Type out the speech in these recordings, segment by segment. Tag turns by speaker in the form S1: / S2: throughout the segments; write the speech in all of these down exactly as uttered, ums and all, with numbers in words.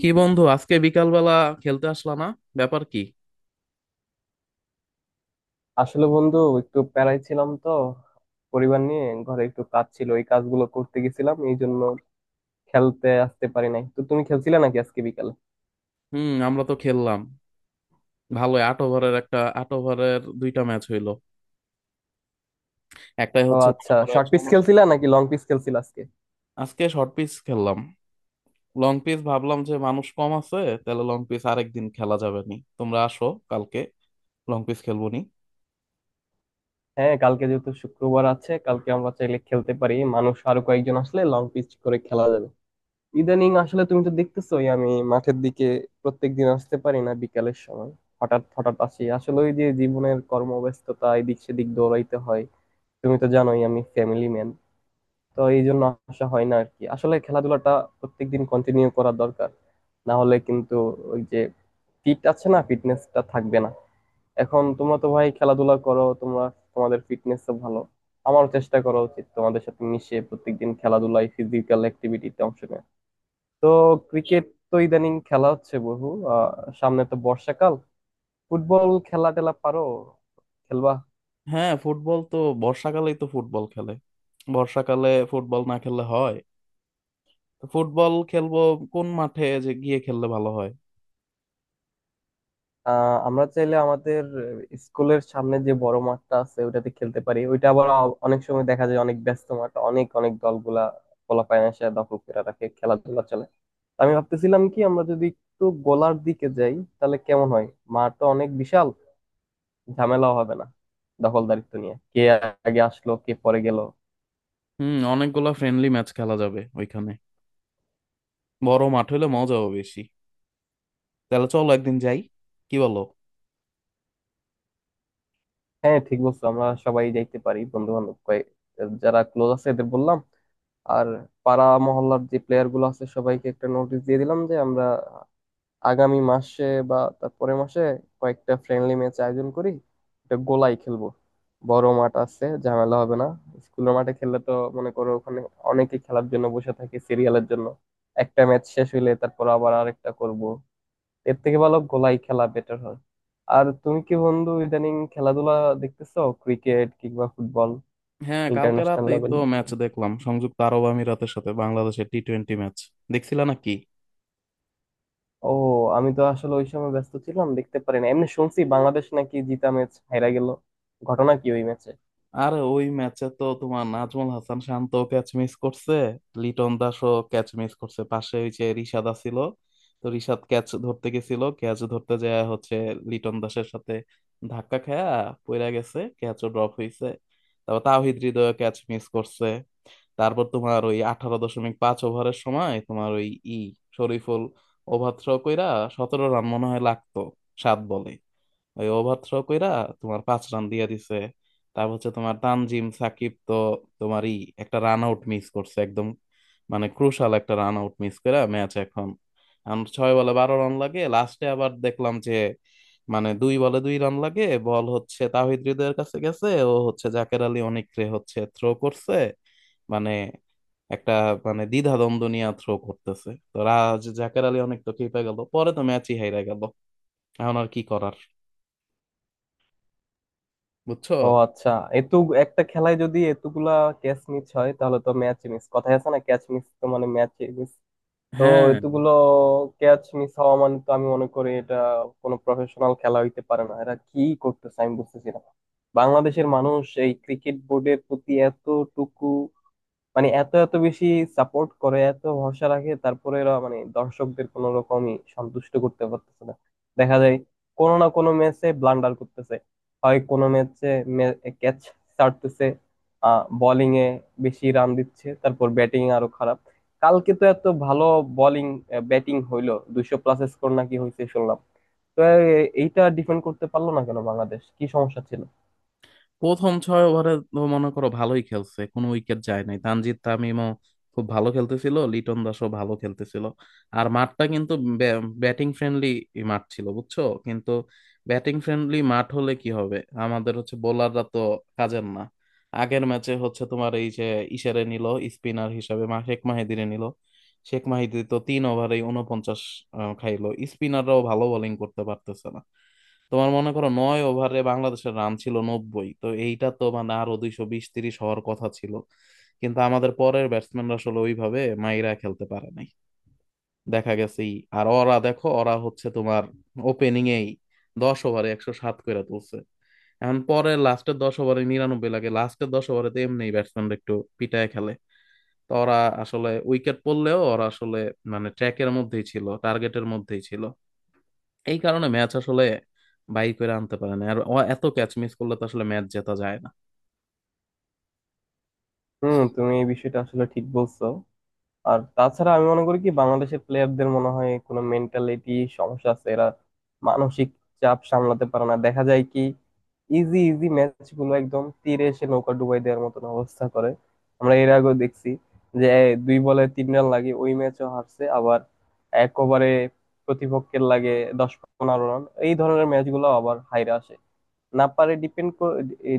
S1: কি বন্ধু, আজকে বিকালবেলা খেলতে আসলা না? ব্যাপার কি?
S2: আসলে বন্ধু একটু প্যারায় ছিলাম তো, পরিবার নিয়ে ঘরে একটু কাজ ছিল, ওই কাজগুলো করতে গেছিলাম এই জন্য খেলতে আসতে পারি নাই। তো তুমি খেলছিলা নাকি আজকে বিকালে?
S1: হুম, আমরা তো খেললাম। ভালো আট ওভারের একটা, আট ওভারের দুইটা ম্যাচ হইলো। একটাই
S2: ও
S1: হচ্ছে মনে
S2: আচ্ছা,
S1: করো
S2: শর্ট
S1: একশো
S2: পিচ
S1: উনাশ।
S2: খেলছিলা নাকি লং পিচ খেলছিলা আজকে?
S1: আজকে শর্ট পিচ খেললাম। লং পিচ ভাবলাম যে মানুষ কম আছে, তাহলে লং পিচ আরেকদিন খেলা যাবে নি। তোমরা আসো কালকে, লং পিচ খেলবো নি।
S2: হ্যাঁ, কালকে যেহেতু শুক্রবার আছে, কালকে আমরা চাইলে খেলতে পারি। মানুষ আরো কয়েকজন আসলে লং পিচ করে খেলা যাবে। ইদানিং আসলে তুমি তো দেখতেছোই, আমি মাঠের দিকে প্রত্যেকদিন আসতে পারি না বিকালের সময়। হঠাৎ হঠাৎ আসি, আসলে ওই যে জীবনের কর্মব্যস্ততা, এদিক সেদিক দৌড়াইতে হয়। তুমি তো জানোই আমি ফ্যামিলি ম্যান, তো এই জন্য আসা হয় না আর কি। আসলে খেলাধুলাটা প্রত্যেকদিন কন্টিনিউ করা দরকার, না হলে কিন্তু ওই যে ফিট আছে না, ফিটনেসটা থাকবে না। এখন তোমরা তো ভাই খেলাধুলা করো, তোমরা তোমাদের ফিটনেস ভালো। আমারও চেষ্টা করা উচিত তোমাদের সাথে মিশে প্রত্যেকদিন খেলাধুলায় ফিজিক্যাল অ্যাক্টিভিটিতে অংশ নেয়। তো ক্রিকেট তো ইদানিং খেলা হচ্ছে বহু। আহ সামনে তো বর্ষাকাল, ফুটবল খেলা টেলা পারো? খেলবা?
S1: হ্যাঁ, ফুটবল তো বর্ষাকালেই তো ফুটবল খেলে। বর্ষাকালে ফুটবল না খেললে হয়? তো ফুটবল খেলবো। কোন মাঠে যে গিয়ে খেললে ভালো হয়?
S2: আহ আমরা চাইলে আমাদের স্কুলের সামনে যে বড় মাঠটা আছে ওইটাতে খেলতে পারি। ওইটা আবার অ- অনেক সময় দেখা যায় অনেক ব্যস্ত মাঠ, অনেক অনেক দলগুলা পোলাপাইন এসে দখল করে রাখে, খেলাধুলা চলে। আমি ভাবতেছিলাম কি, আমরা যদি একটু গোলার দিকে যাই তাহলে কেমন হয়? মাঠটা অনেক বিশাল, ঝামেলাও হবে না দখলদারিত্ব নিয়ে, কে আগে আসলো কে পরে গেল।
S1: হুম, অনেকগুলা ফ্রেন্ডলি ম্যাচ খেলা যাবে ওইখানে। বড় মাঠ হলে মজাও বেশি। তাহলে চলো একদিন যাই, কি বলো?
S2: হ্যাঁ ঠিক বলছো, আমরা সবাই যাইতে পারি। বন্ধু বান্ধব কয়েক, যারা ক্লোজ আছে এদের বললাম, আর পাড়া মহল্লার যে প্লেয়ার গুলো আছে সবাইকে একটা নোটিশ দিয়ে দিলাম যে আমরা আগামী মাসে বা তারপরের মাসে কয়েকটা ফ্রেন্ডলি ম্যাচ আয়োজন করি। একটা গোলাই খেলবো, বড় মাঠ আছে ঝামেলা হবে না। স্কুলের মাঠে খেললে তো মনে করো ওখানে অনেকে খেলার জন্য বসে থাকে সিরিয়ালের জন্য, একটা ম্যাচ শেষ হইলে তারপর আবার আরেকটা করব। এর থেকে ভালো গোলাই খেলা বেটার হয়। আর তুমি কি বন্ধু ইদানিং খেলাধুলা দেখতেছো, ক্রিকেট কিংবা ফুটবল?
S1: হ্যাঁ, কালকে
S2: ইন্টারন্যাশনাল
S1: রাতেই
S2: লেভেল।
S1: তো ম্যাচ দেখলাম, সংযুক্ত আরব আমিরাতের সাথে বাংলাদেশের টি টোয়েন্টি ম্যাচ। দেখছিলা নাকি?
S2: ও, আমি তো আসলে ওই সময় ব্যস্ত ছিলাম দেখতে পারিনি, এমনি শুনছি বাংলাদেশ নাকি জিতা ম্যাচ হেরা গেল। ঘটনা কি ওই ম্যাচে?
S1: আরে, ওই ম্যাচে তো তোমার নাজমুল হাসান শান্ত ক্যাচ মিস করছে, লিটন দাসও ক্যাচ মিস করছে, পাশে ওই যে রিশাদ আছিল। তো রিশাদ ক্যাচ ধরতে গেছিল, ক্যাচ ধরতে যায় হচ্ছে লিটন দাসের সাথে ধাক্কা খায়া পইরা গেছে, ক্যাচও ড্রপ হইছে। তারপর তাওহিদ হৃদয় ক্যাচ মিস করছে। তারপর তোমার ওই আঠারো দশমিক পাঁচ ওভারের সময় তোমার ওই ই শরীফুল ওভার থ্রো কইরা সতেরো রান মনে হয় লাগতো সাত বলে। ওই ওভার থ্রো কইরা তোমার পাঁচ রান দিয়ে দিছে। তারপর হচ্ছে তোমার তানজিম সাকিব তো তোমার ই একটা রান আউট মিস করছে একদম, মানে ক্রুশাল একটা রান আউট মিস করে ম্যাচ এখন। এখন ছয় বলে বারো রান লাগে লাস্টে, আবার দেখলাম যে মানে দুই বলে দুই রান লাগে, বল হচ্ছে তাওহিদ হৃদয়ের কাছে গেছে, ও হচ্ছে জাকের আলী অনেকরে হচ্ছে থ্রো করছে, মানে একটা মানে দ্বিধাদ্বন্দ্ব নিয়ে থ্রো করতেছে, তো রাজ জাকের আলী অনেক তো খেপে গেল, পরে তো ম্যাচই হেরে গেল। এখন আর কি করার, বুঝছো?
S2: ও আচ্ছা, এত, একটা খেলায় যদি এতগুলা ক্যাচ মিস হয় তাহলে তো ম্যাচ মিস। কথায় আছে না, ক্যাচ মিস তো মানে ম্যাচ মিস। তো
S1: হ্যাঁ,
S2: এতগুলো ক্যাচ মিস হওয়া মানে তো আমি মনে করি এটা কোনো প্রফেশনাল খেলা হইতে পারে না। এরা কি করতেছে আমি বুঝতেছি না। বাংলাদেশের মানুষ এই ক্রিকেট বোর্ডের প্রতি এতটুকু মানে এত এত বেশি সাপোর্ট করে, এত ভরসা রাখে, তারপরে এরা মানে দর্শকদের কোনো রকমই সন্তুষ্ট করতে পারতেছে না। দেখা যায় কোনো না কোনো ম্যাচে ব্লান্ডার করতেছে, হয় কোনো ম্যাচে ক্যাচ ছাড়তেছে, আহ বোলিং এ বেশি রান দিচ্ছে, তারপর ব্যাটিং আরো খারাপ। কালকে তো এত ভালো বোলিং ব্যাটিং হইলো, দুইশো প্লাস স্কোর নাকি হয়েছে শুনলাম, তো এ- এইটা ডিফেন্ড করতে পারলো না কেন বাংলাদেশ? কি সমস্যা ছিল?
S1: প্রথম ছয় ওভারে তো মনে করো ভালোই খেলছে, কোনো উইকেট যায় নাই, তানজিদ তামিমও খুব ভালো খেলতেছিল, লিটন দাসও ভালো খেলতেছিল। আর মাঠটা কিন্তু ব্যাটিং ফ্রেন্ডলি মাঠ ছিল, বুঝছো। কিন্তু ব্যাটিং ফ্রেন্ডলি মাঠ হলে কি হবে, আমাদের হচ্ছে বোলাররা তো কাজের না। আগের ম্যাচে হচ্ছে তোমার এই যে ইশারে নিল, স্পিনার হিসাবে মা শেখ মাহিদিরে নিল। শেখ মাহিদি তো তিন ওভারে উনপঞ্চাশ আহ, খাইলো। স্পিনাররাও ভালো বোলিং করতে পারতেছে না। তোমার মনে করো নয় ওভারে বাংলাদেশের রান ছিল নব্বই, তো এইটা তো মানে আরো দুইশো বিশ তিরিশ হওয়ার কথা ছিল। কিন্তু আমাদের পরের ব্যাটসম্যানরা আসলে ওইভাবে মাইরা খেলতে পারে নাই। দেখা গেছে এই- আর ওরা দেখো, ওরা হচ্ছে তোমার ওপেনিং এই দশ ওভারে একশো সাত করে তুলছে। এখন পরে লাস্টের দশ ওভারে নিরানব্বই লাগে, লাস্টের দশ ওভারে তো এমনি ব্যাটসম্যানরা একটু পিটায় খেলে। তো ওরা আসলে উইকেট পড়লেও ওরা আসলে মানে ট্র্যাকের মধ্যেই ছিল, টার্গেটের মধ্যেই ছিল, এই কারণে ম্যাচ আসলে বাই করে আনতে পারে না। আর ও এত ক্যাচ মিস করলে তো আসলে ম্যাচ জেতা যায় না।
S2: হুম, তুমি এই বিষয়টা আসলে ঠিক বলছো। আর তাছাড়া আমি মনে করি কি, বাংলাদেশের প্লেয়ারদের মনে হয় কোনো মেন্টালিটি সমস্যা আছে, এরা মানসিক চাপ সামলাতে পারে না। দেখা যায় কি ইজি ইজি ম্যাচ গুলো একদম তীরে এসে নৌকা ডুবাই দেওয়ার মতন অবস্থা করে। আমরা এর আগেও দেখছি যে এ, দুই বলে তিন রান লাগে, ওই ম্যাচও হারছে। আবার এক ওভারে প্রতিপক্ষের লাগে দশ পনেরো রান, এই ধরনের ম্যাচগুলো আবার হাইরা আসে। না পারে ডিপেন্ড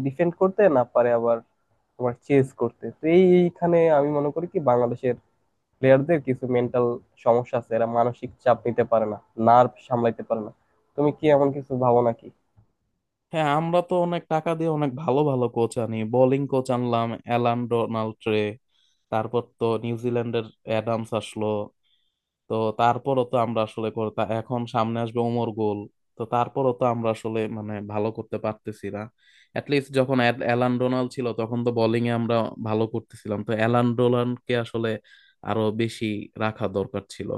S2: ডিফেন্ড করতে, না পারে আবার তোমার চেস করতে। তো এইখানে আমি মনে করি কি বাংলাদেশের প্লেয়ারদের কিছু মেন্টাল সমস্যা আছে, এরা মানসিক চাপ নিতে পারে না, নার্ভ সামলাইতে পারে না। তুমি কি এমন কিছু ভাবো নাকি?
S1: হ্যাঁ, আমরা তো অনেক টাকা দিয়ে অনেক ভালো ভালো কোচ আনি, বোলিং কোচ আনলাম অ্যালান ডোনাল্ড ট্রে, তারপর তো নিউজিল্যান্ডের অ্যাডামস আসলো। তো তারপরও তো আমরা আসলে কর- তা এখন সামনে আসবে ওমর গোল। তো তারপরও তো আমরা আসলে মানে ভালো করতে পারতেছি না। অ্যাটলিস্ট যখন অ্যাল- অ্যালান ডোনাল্ড ছিল তখন তো বোলিং এ আমরা ভালো করতেছিলাম, তো অ্যালান ডোনাল্ডকে আসলে আরো বেশি রাখা দরকার ছিল।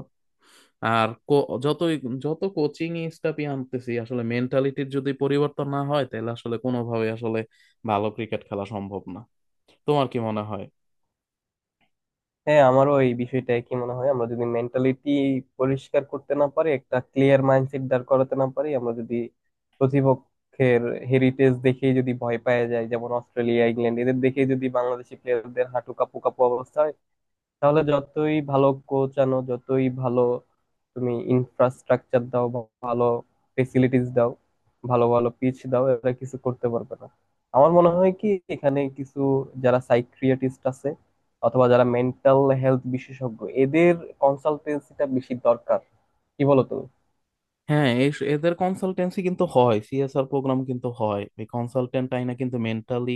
S1: আর কো- যতই যত কোচিং স্টাফই আনতেছি, আসলে মেন্টালিটির যদি পরিবর্তন না হয় তাহলে আসলে কোনোভাবে আসলে ভালো ক্রিকেট খেলা সম্ভব না। তোমার কি মনে হয়?
S2: হ্যাঁ, আমারও এই বিষয়টা কি মনে হয়, আমরা যদি মেন্টালিটি পরিষ্কার করতে না পারি, একটা ক্লিয়ার মাইন্ডসেট দাঁড় করাতে না পারি, আমরা যদি প্রতিপক্ষের হেরিটেজ দেখেই যদি ভয় পাওয়া যায়, যেমন অস্ট্রেলিয়া ইংল্যান্ড এদের দেখেই যদি বাংলাদেশি প্লেয়ারদের হাঁটু কাঁপু কাঁপু অবস্থা হয়, তাহলে যতই ভালো কোচ আনো, যতই ভালো তুমি ইনফ্রাস্ট্রাকচার দাও বা ভালো ফেসিলিটিস দাও, ভালো ভালো পিচ দাও, এরা কিছু করতে পারবে না। আমার মনে হয় কি, এখানে কিছু যারা সাইকিয়াট্রিস্ট আছে অথবা যারা মেন্টাল হেলথ বিশেষজ্ঞ এদের কনসালটেন্সিটা বেশি দরকার। কি বলো তুমি?
S1: হ্যাঁ, এই এদের কনসালটেন্সি কিন্তু হয়, সিএসআর প্রোগ্রাম কিন্তু হয়, এই কনসালটেন্ট আইনা কিন্তু মেন্টালি,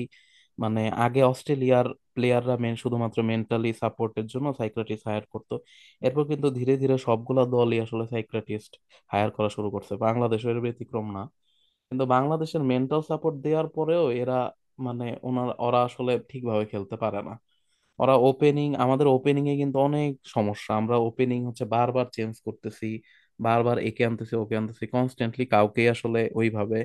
S1: মানে আগে অস্ট্রেলিয়ার প্লেয়াররা মেন শুধুমাত্র মেন্টালি সাপোর্টের জন্য সাইকিয়াট্রিস্ট হায়ার করতো। এরপর কিন্তু ধীরে ধীরে সবগুলা দলই আসলে সাইকিয়াট্রিস্ট হায়ার করা শুরু করছে, বাংলাদেশের ব্যতিক্রম না। কিন্তু বাংলাদেশের মেন্টাল সাপোর্ট দেওয়ার পরেও এরা মানে ওনার ওরা আসলে ঠিকভাবে খেলতে পারে না। ওরা ওপেনিং, আমাদের ওপেনিং এ কিন্তু অনেক সমস্যা, আমরা ওপেনিং হচ্ছে বারবার চেঞ্জ করতেছি, বারবার একে আনতেছি ওকে আনতেছি, কনস্ট্যান্টলি কাউকে আসলে ওইভাবে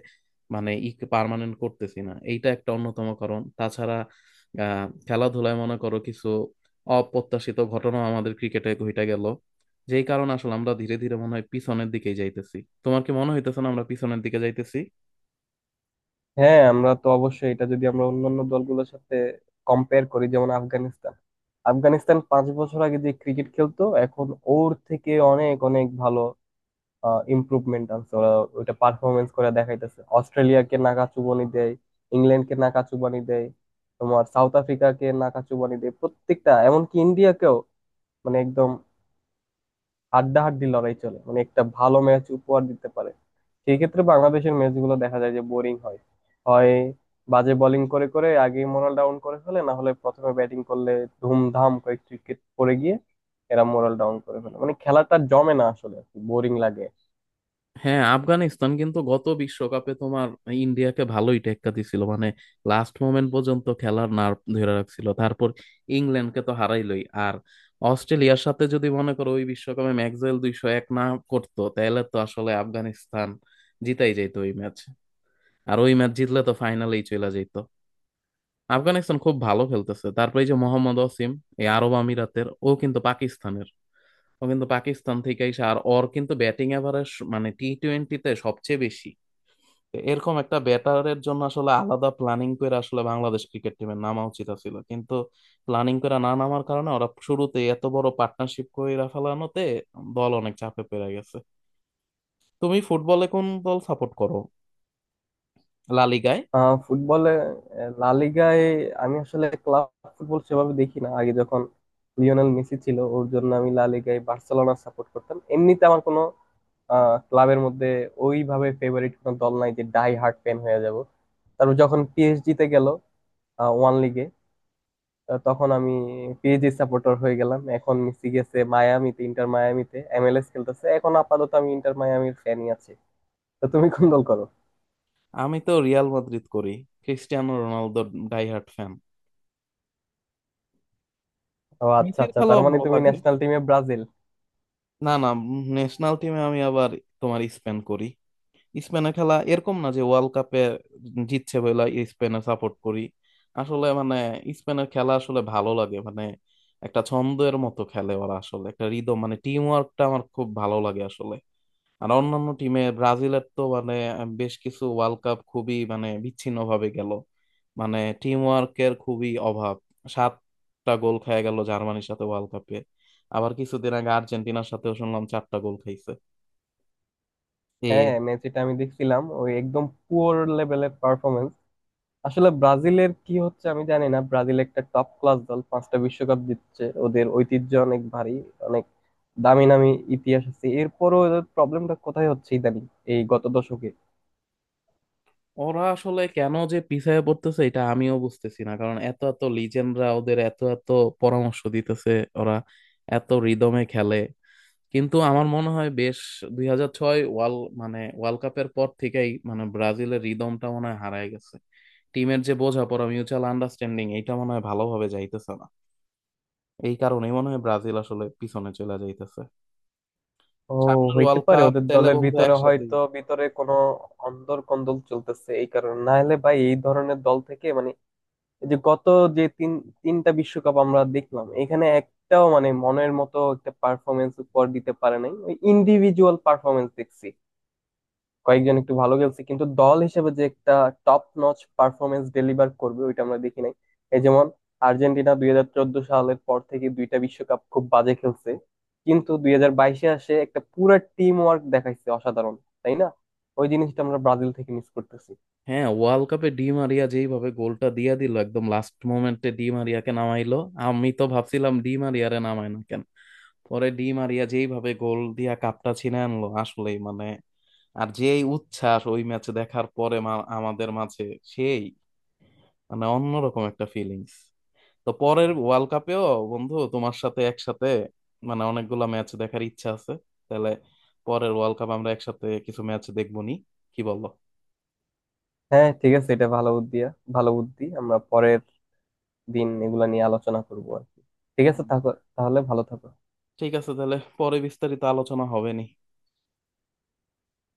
S1: মানে ই পার্মানেন্ট করতেছি না, এইটা একটা অন্যতম কারণ। তাছাড়া আহ খেলাধুলায় মনে করো কিছু অপ্রত্যাশিত ঘটনা আমাদের ক্রিকেটে ঘটে গেল, যেই কারণে আসলে আমরা ধীরে ধীরে মনে হয় পিছনের দিকেই যাইতেছি। তোমার কি মনে হইতেছে না আমরা পিছনের দিকে যাইতেছি?
S2: হ্যাঁ আমরা তো অবশ্যই, এটা যদি আমরা অন্যান্য দলগুলোর সাথে কম্পেয়ার করি, যেমন আফগানিস্তান, আফগানিস্তান পাঁচ বছর আগে যে ক্রিকেট খেলতো এখন ওর থেকে অনেক অনেক ভালো ইমপ্রুভমেন্ট আনছে ওরা। ওইটা পারফরমেন্স করে দেখাইতেছে, অস্ট্রেলিয়াকে নাকা চুবানি দেয়, ইংল্যান্ডকে নাকা চুবানি দেয়, তোমার সাউথ আফ্রিকাকে নাকা চুবানি দেয় প্রত্যেকটা, এমনকি ইন্ডিয়াকেও মানে একদম হাড্ডাহাড্ডি লড়াই চলে, মানে একটা ভালো ম্যাচ উপহার দিতে পারে। সেই ক্ষেত্রে বাংলাদেশের ম্যাচগুলো দেখা যায় যে বোরিং হয়। হয় বাজে বোলিং করে করে আগেই মোরাল ডাউন করে ফেলে, না হলে প্রথমে ব্যাটিং করলে ধুমধাম কয়েক উইকেট পড়ে গিয়ে এরা মোরাল ডাউন করে ফেলে, মানে খেলাটা জমে না আসলে, বোরিং লাগে।
S1: হ্যাঁ, আফগানিস্তান কিন্তু গত বিশ্বকাপে তোমার ইন্ডিয়াকে ভালোই টেক্কা দিছিল, মানে লাস্ট মোমেন্ট পর্যন্ত খেলার নার্ভ ধরে রাখছিল। তারপর ইংল্যান্ডকে তো হারাইলই, আর অস্ট্রেলিয়ার সাথে যদি মনে করো ওই বিশ্বকাপে ম্যাকডওয়েল দুইশো এক না করতো তাহলে তো আসলে আফগানিস্তান জিতাই যেত ওই ম্যাচ। আর ওই ম্যাচ জিতলে তো ফাইনালেই চলে যেত। আফগানিস্তান খুব ভালো খেলতেছে। তারপরে এই যে মোহাম্মদ ওসিম, এই আরব আমিরাতের, ও কিন্তু পাকিস্তানের, ও কিন্তু পাকিস্তান থেকে এসে, আর ওর কিন্তু ব্যাটিং এভারেজ মানে টি টোয়েন্টিতে সবচেয়ে বেশি। এরকম একটা ব্যাটারের জন্য আসলে আলাদা প্ল্যানিং করে আসলে বাংলাদেশ ক্রিকেট টিমের নামা উচিত ছিল, কিন্তু প্ল্যানিং করে না নামার কারণে ওরা শুরুতে এত বড় পার্টনারশিপ কইরা ফেলানোতে দল অনেক চাপে পড়ে গেছে। তুমি ফুটবলে কোন দল সাপোর্ট করো, লা লিগায়?
S2: আহ ফুটবলে, আহ, লা লিগায় আমি আসলে ক্লাব ফুটবল সেভাবে দেখি না। আগে যখন লিওনেল মেসি ছিল ওর জন্য আমি লা লিগায় বার্সেলোনা সাপোর্ট করতাম, এমনিতে আমার কোনো আহ, ক্লাবের মধ্যে ওইভাবে ফেভারিট কোনো দল নাই যে ডাই হার্ট ফ্যান হয়ে যাব। তারপর যখন পিএসজি তে গেল ওয়ান লিগে, আহ, তখন আমি পিএসজি সাপোর্টার হয়ে গেলাম। এখন মেসি গেছে মায়ামিতে, ইন্টার মায়ামিতে এমএলএস খেলতেছে, এখন আপাতত আমি ইন্টার মায়ামির ফ্যানই আছি। তো তুমি কোন দল করো?
S1: আমি তো রিয়াল মাদ্রিদ করি, ক্রিস্টিয়ানো রোনালদোর ডাইহার্ট ফ্যান।
S2: ও আচ্ছা
S1: মেসির
S2: আচ্ছা, তার
S1: খেলাও
S2: মানে
S1: ভালো
S2: তুমি
S1: লাগে।
S2: ন্যাশনাল টিমে ব্রাজিল?
S1: না না, ন্যাশনাল টিমে আমি আবার তোমার স্পেন করি। স্পেনের খেলা এরকম না যে ওয়ার্ল্ড কাপে জিতছে বলে স্পেনে সাপোর্ট করি, আসলে মানে স্পেনের খেলা আসলে ভালো লাগে, মানে একটা ছন্দের মতো খেলে ওরা, আসলে একটা রিদম মানে টিম ওয়ার্কটা আমার খুব ভালো লাগে আসলে। আর অন্যান্য টিমে ব্রাজিলের তো মানে বেশ কিছু ওয়ার্ল্ড কাপ খুবই মানে বিচ্ছিন্ন ভাবে গেল, মানে টিম ওয়ার্কের খুবই অভাব। সাতটা গোল খেয়ে গেল জার্মানির সাথে ওয়ার্ল্ড কাপে, আবার কিছুদিন আগে আর্জেন্টিনার সাথেও শুনলাম চারটা গোল খাইছে।
S2: হ্যাঁ হ্যাঁ, মেসিটা আমি দেখছিলাম ওই একদম পুয়ার লেভেলের পারফরমেন্স। আসলে ব্রাজিলের কি হচ্ছে আমি জানি না, ব্রাজিল একটা টপ ক্লাস দল, পাঁচটা বিশ্বকাপ জিতছে, ওদের ঐতিহ্য অনেক ভারী, অনেক দামি নামি ইতিহাস আছে, এরপরও ওদের প্রবলেমটা কোথায় হচ্ছে ইদানিং এই গত দশকে?
S1: ওরা আসলে কেন যে পিছায় পড়তেছে এটা আমিও বুঝতেছি না, কারণ এত এত লিজেন্ডরা ওদের এত এত পরামর্শ দিতেছে, ওরা এত রিদমে খেলে। কিন্তু আমার মনে হয় বেশ দুই হাজার ছয় ওয়ার্ল্ড মানে ওয়ার্ল্ড কাপের পর থেকেই মানে ব্রাজিলের রিদমটা মনে হয় হারায় গেছে, টিমের যে বোঝাপড়া মিউচুয়াল আন্ডারস্ট্যান্ডিং এটা মনে হয় ভালোভাবে যাইতেছে না, এই কারণেই মনে হয় ব্রাজিল আসলে পিছনে চলে যাইতেছে।
S2: ও,
S1: সামনের
S2: হইতে
S1: ওয়ার্ল্ড
S2: পারে
S1: কাপ
S2: ওদের
S1: তেলে
S2: দলের
S1: বন্ধু
S2: ভিতরে
S1: একসাথে।
S2: হয়তো ভিতরে কোনো অন্দর কন্দল চলতেছে এই কারণে, না হলে ভাই এই ধরনের দল থেকে মানে, এই যে গত যে তিন তিনটা বিশ্বকাপ আমরা দেখলাম এখানে একটাও মানে মনের মতো একটা পারফরমেন্স উপহার দিতে পারে নাই। ওই ইন্ডিভিজুয়াল পারফরমেন্স দেখছি, কয়েকজন একটু ভালো খেলছে কিন্তু দল হিসেবে যে একটা টপ নচ পারফরমেন্স ডেলিভার করবে ওইটা আমরা দেখি নাই। এই যেমন আর্জেন্টিনা দুই হাজার চোদ্দ সালের পর থেকে দুইটা বিশ্বকাপ খুব বাজে খেলছে, কিন্তু দুই হাজার বাইশে আসে একটা পুরা টিম ওয়ার্ক দেখাইছে অসাধারণ, তাই না? ওই জিনিসটা আমরা ব্রাজিল থেকে মিস করতেছি।
S1: হ্যাঁ, ওয়ার্ল্ড কাপে ডি মারিয়া যেইভাবে গোলটা দিয়া দিল, একদম লাস্ট মোমেন্টে ডি মারিয়াকে নামাইলো, আমি তো ভাবছিলাম ডি মারিয়ারে নামায় না কেন। পরে ডি মারিয়া যেইভাবে গোল দিয়া কাপটা ছিনে আনলো, আসলেই মানে আর যেই উচ্ছ্বাস ওই ম্যাচ দেখার পরে মা- আমাদের মাঝে সেই মানে অন্যরকম একটা ফিলিংস। তো পরের ওয়ার্ল্ড কাপেও বন্ধু তোমার সাথে একসাথে মানে অনেকগুলা ম্যাচ দেখার ইচ্ছা আছে। তাহলে পরের ওয়ার্ল্ড কাপ আমরা একসাথে কিছু ম্যাচ দেখবো নি, কি বলো?
S2: হ্যাঁ ঠিক আছে, এটা ভালো বুদ্ধি, ভালো বুদ্ধি। আমরা পরের দিন এগুলা নিয়ে আলোচনা করবো আর কি। ঠিক আছে, থাকো তাহলে, ভালো থাকো।
S1: ঠিক আছে, তাহলে পরে বিস্তারিত আলোচনা হবে নি।